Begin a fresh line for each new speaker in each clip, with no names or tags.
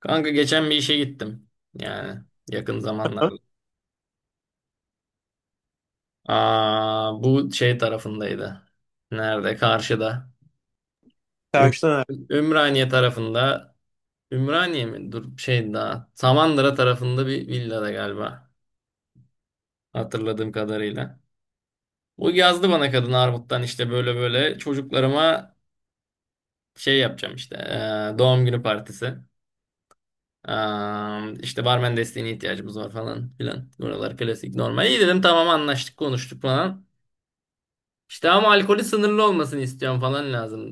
Kanka geçen bir işe gittim. Yani yakın
Ha?
zamanlarda. Aa, bu şey tarafındaydı. Nerede? Karşıda. Üm-
Tersten
Ümraniye tarafında. Ümraniye mi? Dur şey daha. Samandıra tarafında bir villada galiba. Hatırladığım kadarıyla. O yazdı bana kadın Armut'tan işte böyle böyle çocuklarıma şey yapacağım işte. Doğum günü partisi. Aa, işte barmen desteğine ihtiyacımız var falan filan. Buralar klasik normal. İyi dedim, tamam anlaştık konuştuk falan. İşte ama alkolü sınırlı olmasını istiyorum falan lazım.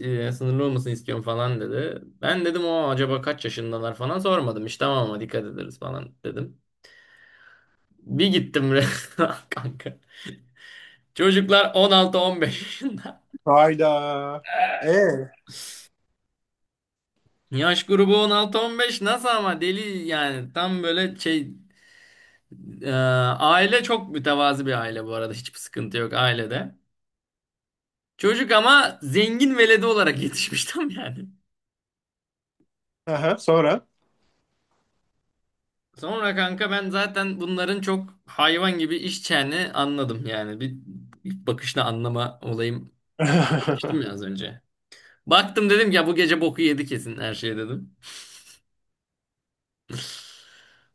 Sınırlı olmasını istiyorum falan dedi. Ben dedim o acaba kaç yaşındalar falan sormadım. İşte tamam ama dikkat ederiz falan dedim. Bir gittim resmen kanka. Çocuklar 16-15 yaşında.
Hayda. E.
Yaş grubu 16-15 nasıl ama, deli yani, tam böyle şey, e, aile çok mütevazi bir aile bu arada, hiçbir sıkıntı yok ailede. Çocuk ama zengin veledi olarak yetişmiş tam yani.
Aha, sonra.
Sonra kanka ben zaten bunların çok hayvan gibi iş çeni anladım yani. Bir, bir bakışla anlama olayım demiştim ya az önce. Baktım dedim ki ya bu gece boku yedi kesin her şey dedim.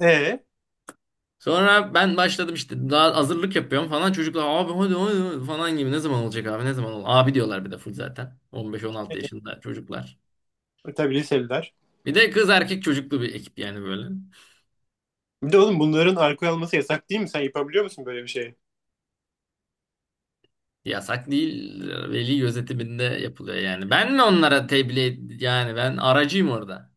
E.
Sonra ben başladım, işte daha hazırlık yapıyorum falan. Çocuklar "abi hadi hadi hadi" falan gibi, ne zaman olacak abi, ne zaman ol abi diyorlar, bir de full zaten. 15-16 yaşında çocuklar.
Tabii liseliler.
Bir de kız erkek çocuklu bir ekip yani böyle.
Bir de oğlum bunların alkol alması yasak değil mi? Sen yapabiliyor musun böyle bir şeyi?
Yasak değil, veli gözetiminde yapılıyor yani. Ben mi onlara tebliğ, yani ben aracıyım orada.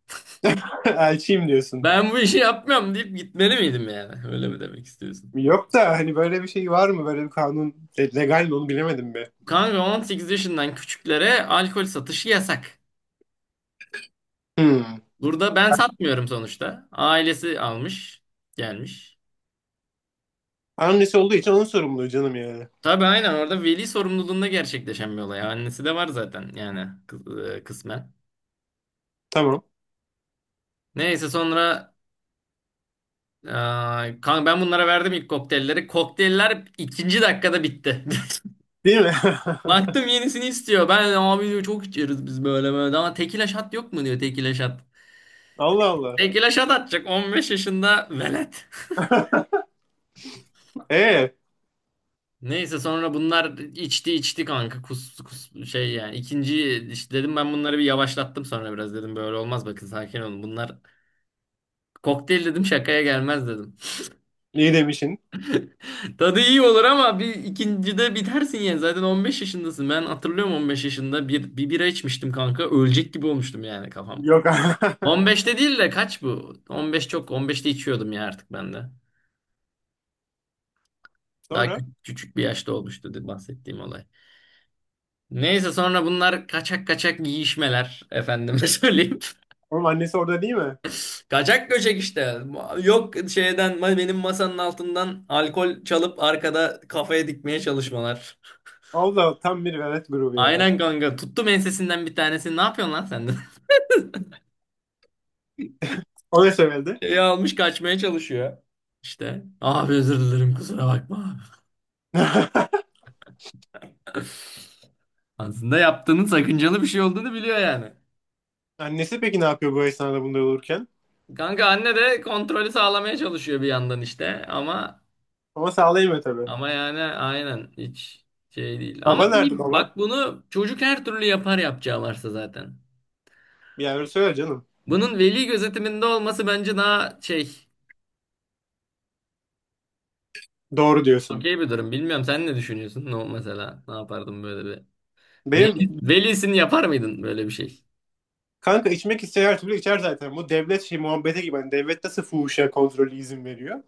Elçiyim diyorsun.
Ben bu işi yapmıyorum deyip gitmeli miydim yani? Öyle mi demek istiyorsun?
Yok da hani böyle bir şey var mı? Böyle bir kanun legal mi onu bilemedim be.
Kanka 18 yaşından küçüklere alkol satışı yasak.
Hmm.
Burada ben satmıyorum sonuçta. Ailesi almış, gelmiş.
Annesi olduğu için onun sorumluluğu canım yani.
Tabii aynen, orada veli sorumluluğunda gerçekleşen bir olay. Annesi de var zaten yani, kısmen.
Tamam.
Neyse sonra e, kanka ben bunlara verdim ilk kokteylleri. Kokteyller ikinci dakikada bitti.
Değil mi?
Baktım yenisini istiyor. Ben abi diyor, çok içeriz biz böyle böyle. Ama tekila shot yok mu diyor, tekila shot.
Allah Allah.
Tekila şat atacak 15 yaşında velet.
Ee,
Neyse sonra bunlar içti içti kanka, kus kus şey yani, ikinci işte dedim, ben bunları bir yavaşlattım sonra biraz, dedim böyle olmaz, bakın sakin olun, bunlar kokteyl dedim, şakaya gelmez dedim.
iyi demişsin.
Tadı iyi olur ama bir ikincide bitersin yani, zaten 15 yaşındasın, ben hatırlıyorum 15 yaşında bir bira içmiştim kanka, ölecek gibi olmuştum yani kafam.
Yok.
15'te değil de kaç bu? 15 çok, 15'te içiyordum ya artık ben de. Daha
Sonra?
küçük bir yaşta olmuştu bahsettiğim olay. Neyse sonra bunlar kaçak kaçak giyişmeler, efendime söyleyeyim.
Oğlum annesi orada değil mi?
Kaçak göçek işte. Yok şeyden, benim masanın altından alkol çalıp arkada kafaya dikmeye çalışmalar.
Allah tam bir velet grubu ya.
Aynen kanka, tuttum ensesinden bir tanesini, ne yapıyorsun lan sen de?
O ne söyledi?
Şeyi almış kaçmaya çalışıyor. İşte abi özür dilerim, kusura bakma. Aslında yaptığının sakıncalı bir şey olduğunu biliyor yani.
Annesi peki ne yapıyor bu esnada bunda olurken?
Kanka anne de kontrolü sağlamaya çalışıyor bir yandan işte, ama
Ama sağlayamıyor tabii.
ama yani aynen hiç şey değil. Ama
Baba nerede
iyi,
baba?
bak bunu çocuk her türlü yapar, yapacağı varsa zaten.
Yani öyle söyle canım.
Bunun veli gözetiminde olması bence daha şey,
Doğru diyorsun.
okey bir durum. Bilmiyorum, sen ne düşünüyorsun? Ne mesela, ne yapardın böyle bir? Veli,
Benim
velisini yapar mıydın böyle bir şey?
kanka içmek isteyen her türlü içer zaten. Bu devlet şey muhabbeti gibi. Hani devlet nasıl fuhuşa kontrolü izin veriyor?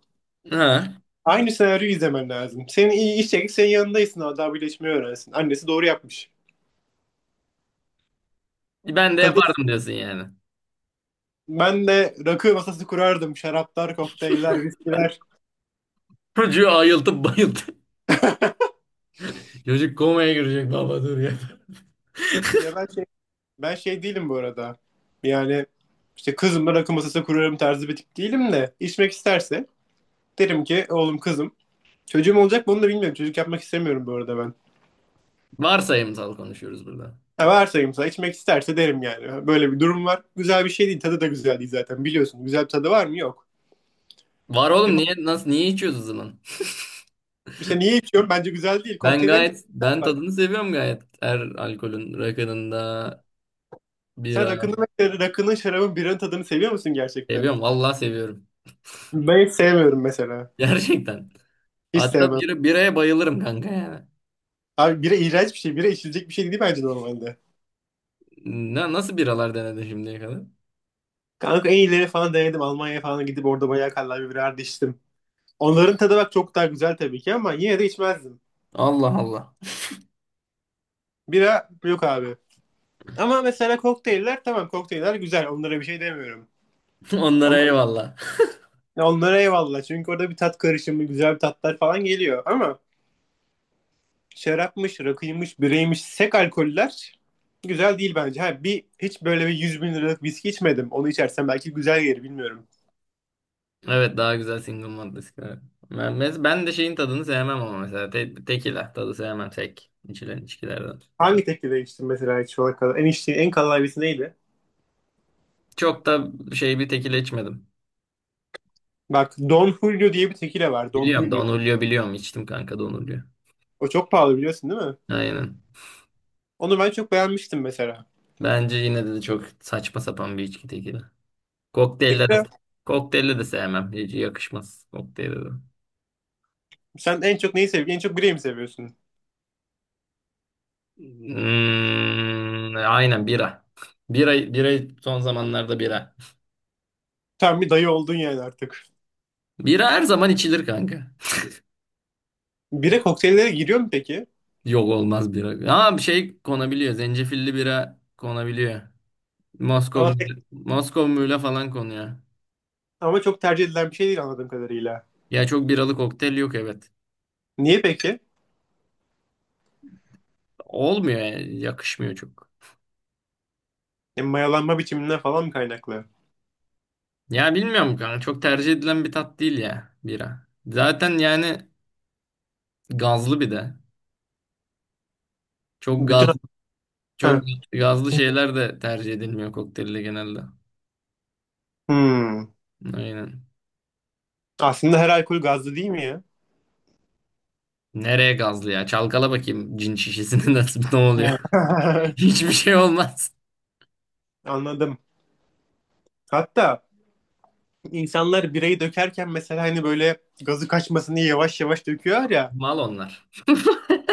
Ha.
Aynı senaryoyu izlemen lazım. Senin iyi içecek senin yanındaysın daha bile içmeyi öğrensin. Annesi doğru yapmış.
Ben de
Kadın
yapardım diyorsun yani.
ben de rakı masası kurardım. Şaraplar, kokteyller, viskiler.
Çocuğu ayıltıp bayıltıp. Çocuk komaya girecek baba, dur ya.
Ya ben şey. Ben şey değilim bu arada. Yani işte kızımla rakı masası kurarım tarzı bir tip değilim de içmek isterse derim ki oğlum kızım çocuğum olacak mı onu da bilmiyorum. Çocuk yapmak istemiyorum bu arada ben.
Varsayımsal konuşuyoruz burada.
Ha varsayım sana içmek isterse derim yani. Böyle bir durum var. Güzel bir şey değil. Tadı da güzel değil zaten biliyorsun. Güzel bir tadı var mı? Yok.
Var
E,
oğlum,
ko-
niye nasıl niye içiyoruz o zaman?
işte niye içiyorum? Bence güzel değil.
Ben
Kokteyllerin tadı
gayet,
güzel
ben tadını
bak.
seviyorum gayet. Her alkolün, rakının da
Sen
bira
rakının, şarabın, biranın tadını seviyor musun gerçekten?
seviyorum. Vallahi seviyorum.
Ben hiç sevmiyorum mesela.
Gerçekten.
Hiç
Hatta
sevmem.
bira, biraya bayılırım kanka yani.
Abi bira iğrenç bir şey. Bira içilecek bir şey değil bence normalde.
Ne, nasıl biralar denedin şimdiye kadar?
Kanka en iyileri falan denedim. Almanya'ya falan gidip orada bayağı kallavi birer de içtim. Onların tadı bak çok daha güzel tabii ki ama yine de içmezdim.
Allah Allah.
Bira yok abi. Ama mesela kokteyller tamam kokteyller güzel. Onlara bir şey demiyorum. Ama
Onlara eyvallah.
ya onlara eyvallah. Çünkü orada bir tat karışımı, güzel bir tatlar falan geliyor. Ama şarapmış, rakıymış, bireymiş, sek alkoller güzel değil bence. Ha, bir hiç böyle bir 100 bin liralık viski içmedim. Onu içersem belki güzel gelir bilmiyorum.
Evet, daha güzel single malt viskiler. Ben, ben de şeyin tadını sevmem ama mesela tekila tadı sevmem, tek içilen içkilerden.
Hangi teklife içtin mesela hiç şu ana kadar? En içtiğin en kallavi neydi?
Çok da şey bir tekila içmedim.
Bak Don Julio diye bir tekile var. Don
Biliyorum
Julio.
Don Julio, biliyorum içtim kanka Don Julio.
O çok pahalı biliyorsun değil mi?
Aynen.
Onu ben çok beğenmiştim mesela.
Bence yine de çok saçma sapan bir içki tekili. Kokteylle de,
Tekile
kokteylle de sevmem. Hiç yakışmaz kokteylle de.
sen en çok neyi seviyorsun? En çok bireyi mi seviyorsun?
Hmm, aynen bira. Bira, bira son zamanlarda bira.
Tam bir dayı oldun yani artık.
Bira her zaman içilir kanka.
Bire kokteyllere giriyor mu peki?
Yok olmaz bira. Ama bir şey konabiliyor. Zencefilli bira konabiliyor. Moskova,
Ama, pek-
Moskova Mule falan konuyor.
ama çok tercih edilen bir şey değil anladığım kadarıyla.
Ya çok biralı kokteyl yok, evet.
Niye peki?
Olmuyor yani. Yakışmıyor çok.
E, mayalanma biçiminden falan mı kaynaklı?
Ya bilmiyorum kanka, çok tercih edilen bir tat değil ya bira. Zaten yani gazlı bir de. Çok
Bütün...
gaz, çok
Ha,
gazlı şeyler de tercih edilmiyor kokteylde genelde.
hmm.
Aynen.
Aslında her alkol gazlı değil mi ya?
Nereye gazlı ya? Çalkala bakayım cin şişesini nasıl, ne oluyor? Hiçbir şey olmaz.
Anladım. Hatta insanlar bireyi dökerken mesela hani böyle gazı kaçmasın diye yavaş yavaş döküyor ya.
Mal onlar.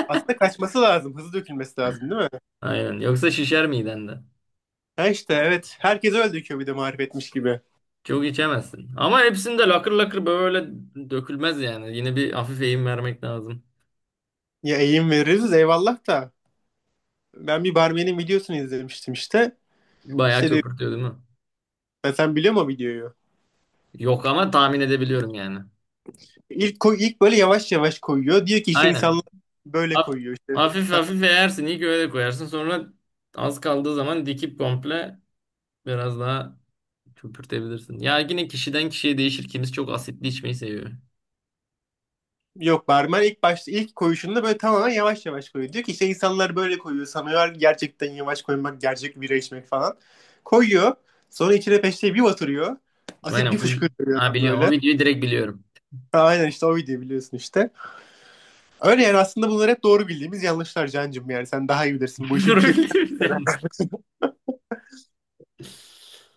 Aslında kaçması lazım. Hızlı dökülmesi lazım değil mi?
Aynen. Yoksa şişer miden de.
Ha işte evet. Herkes öyle döküyor bir de marifetmiş gibi.
Çok içemezsin. Ama hepsinde lakır lakır böyle dökülmez yani. Yine bir hafif eğim vermek lazım.
Ya eğim veririz eyvallah da. Ben bir barmenin videosunu izlemiştim işte.
Bayağı
İşte diyor,
köpürtüyor değil mi?
"Ben sen biliyor musun videoyu?
Yok ama tahmin edebiliyorum yani.
İlk böyle yavaş yavaş koyuyor. Diyor ki işte insanlar
Aynen.
böyle
Haf-
koyuyor işte.
Hafif hafif eğersin. İlk öyle koyarsın. Sonra az kaldığı zaman dikip komple, biraz daha köpürtebilirsin. Ya yine kişiden kişiye değişir. Kimisi çok asitli içmeyi seviyor.
Yok barmen ilk başta ilk koyuşunda böyle tamamen yavaş yavaş koyuyor. Diyor ki işte insanlar böyle koyuyor. Sanıyorlar ki gerçekten yavaş koymak, gerçek bira içmek falan. Koyuyor. Sonra içine peşte bir batırıyor. Asit
Aynen
bir
full.
fışkırıyor
Ha
adam
biliyorum. O
böyle.
videoyu direkt biliyorum.
Aynen işte o video biliyorsun işte. Öyle yani aslında bunlar hep doğru bildiğimiz yanlışlar Can'cığım yani sen daha iyi bilirsin.
Doğru biliyoruz ya.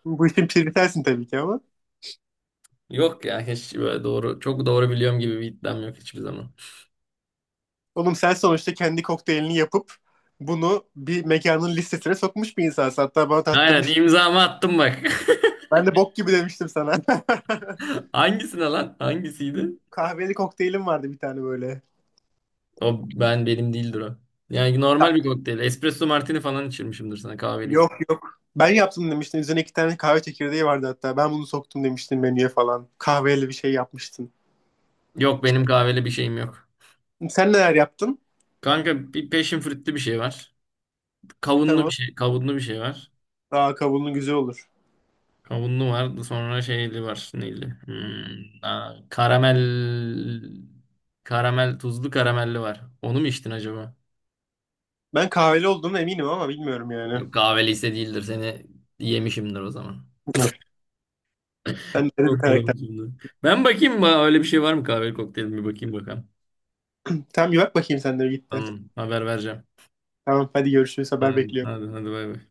Bu işin piri sensin tabii ki ama.
Yok ya, hiç böyle doğru, çok doğru biliyorum gibi bir iddiam yok hiçbir zaman.
Oğlum sen sonuçta kendi kokteylini yapıp bunu bir mekanın listesine sokmuş bir insansın. Hatta bana
Aynen,
tattırmıştın.
imzamı attım bak.
Ben de bok gibi demiştim sana.
Hangisine lan? Hangisiydi?
Kahveli kokteylim vardı bir tane böyle.
O ben, benim değildir o. Yani normal bir
Kanka.
kokteyl. Espresso martini falan içirmişimdir sana kahveli.
Yok yok. Ben yaptım demiştin. Üzerine iki tane kahve çekirdeği vardı hatta. Ben bunu soktum demiştin menüye falan. Kahveli bir şey yapmıştın.
Yok benim kahveli bir şeyim yok.
Sen neler yaptın?
Kanka bir passion fruit'lü bir şey var. Kavunlu bir
Tamam.
şey, kavunlu bir şey var.
Aa kabuğunun güzel olur.
Kavunlu var. Sonra şeyli var. Neyli? Hmm, aa, karamel, karamel tuzlu karamelli var. Onu mu içtin acaba?
Ben kahveli olduğuna eminim ama bilmiyorum yani.
Yok, kahveliyse değildir. Seni yemişimdir o zaman.
Sen de bir
Kokladım
karakter.
şimdi. Ben bakayım öyle bir şey var mı, kahveli kokteyl mi bakayım bakalım.
Tamam bir bak bakayım sen de bir.
Tamam, haber vereceğim.
Tamam hadi görüşürüz haber
Hadi
bekliyorum.
hadi, hadi bay bay.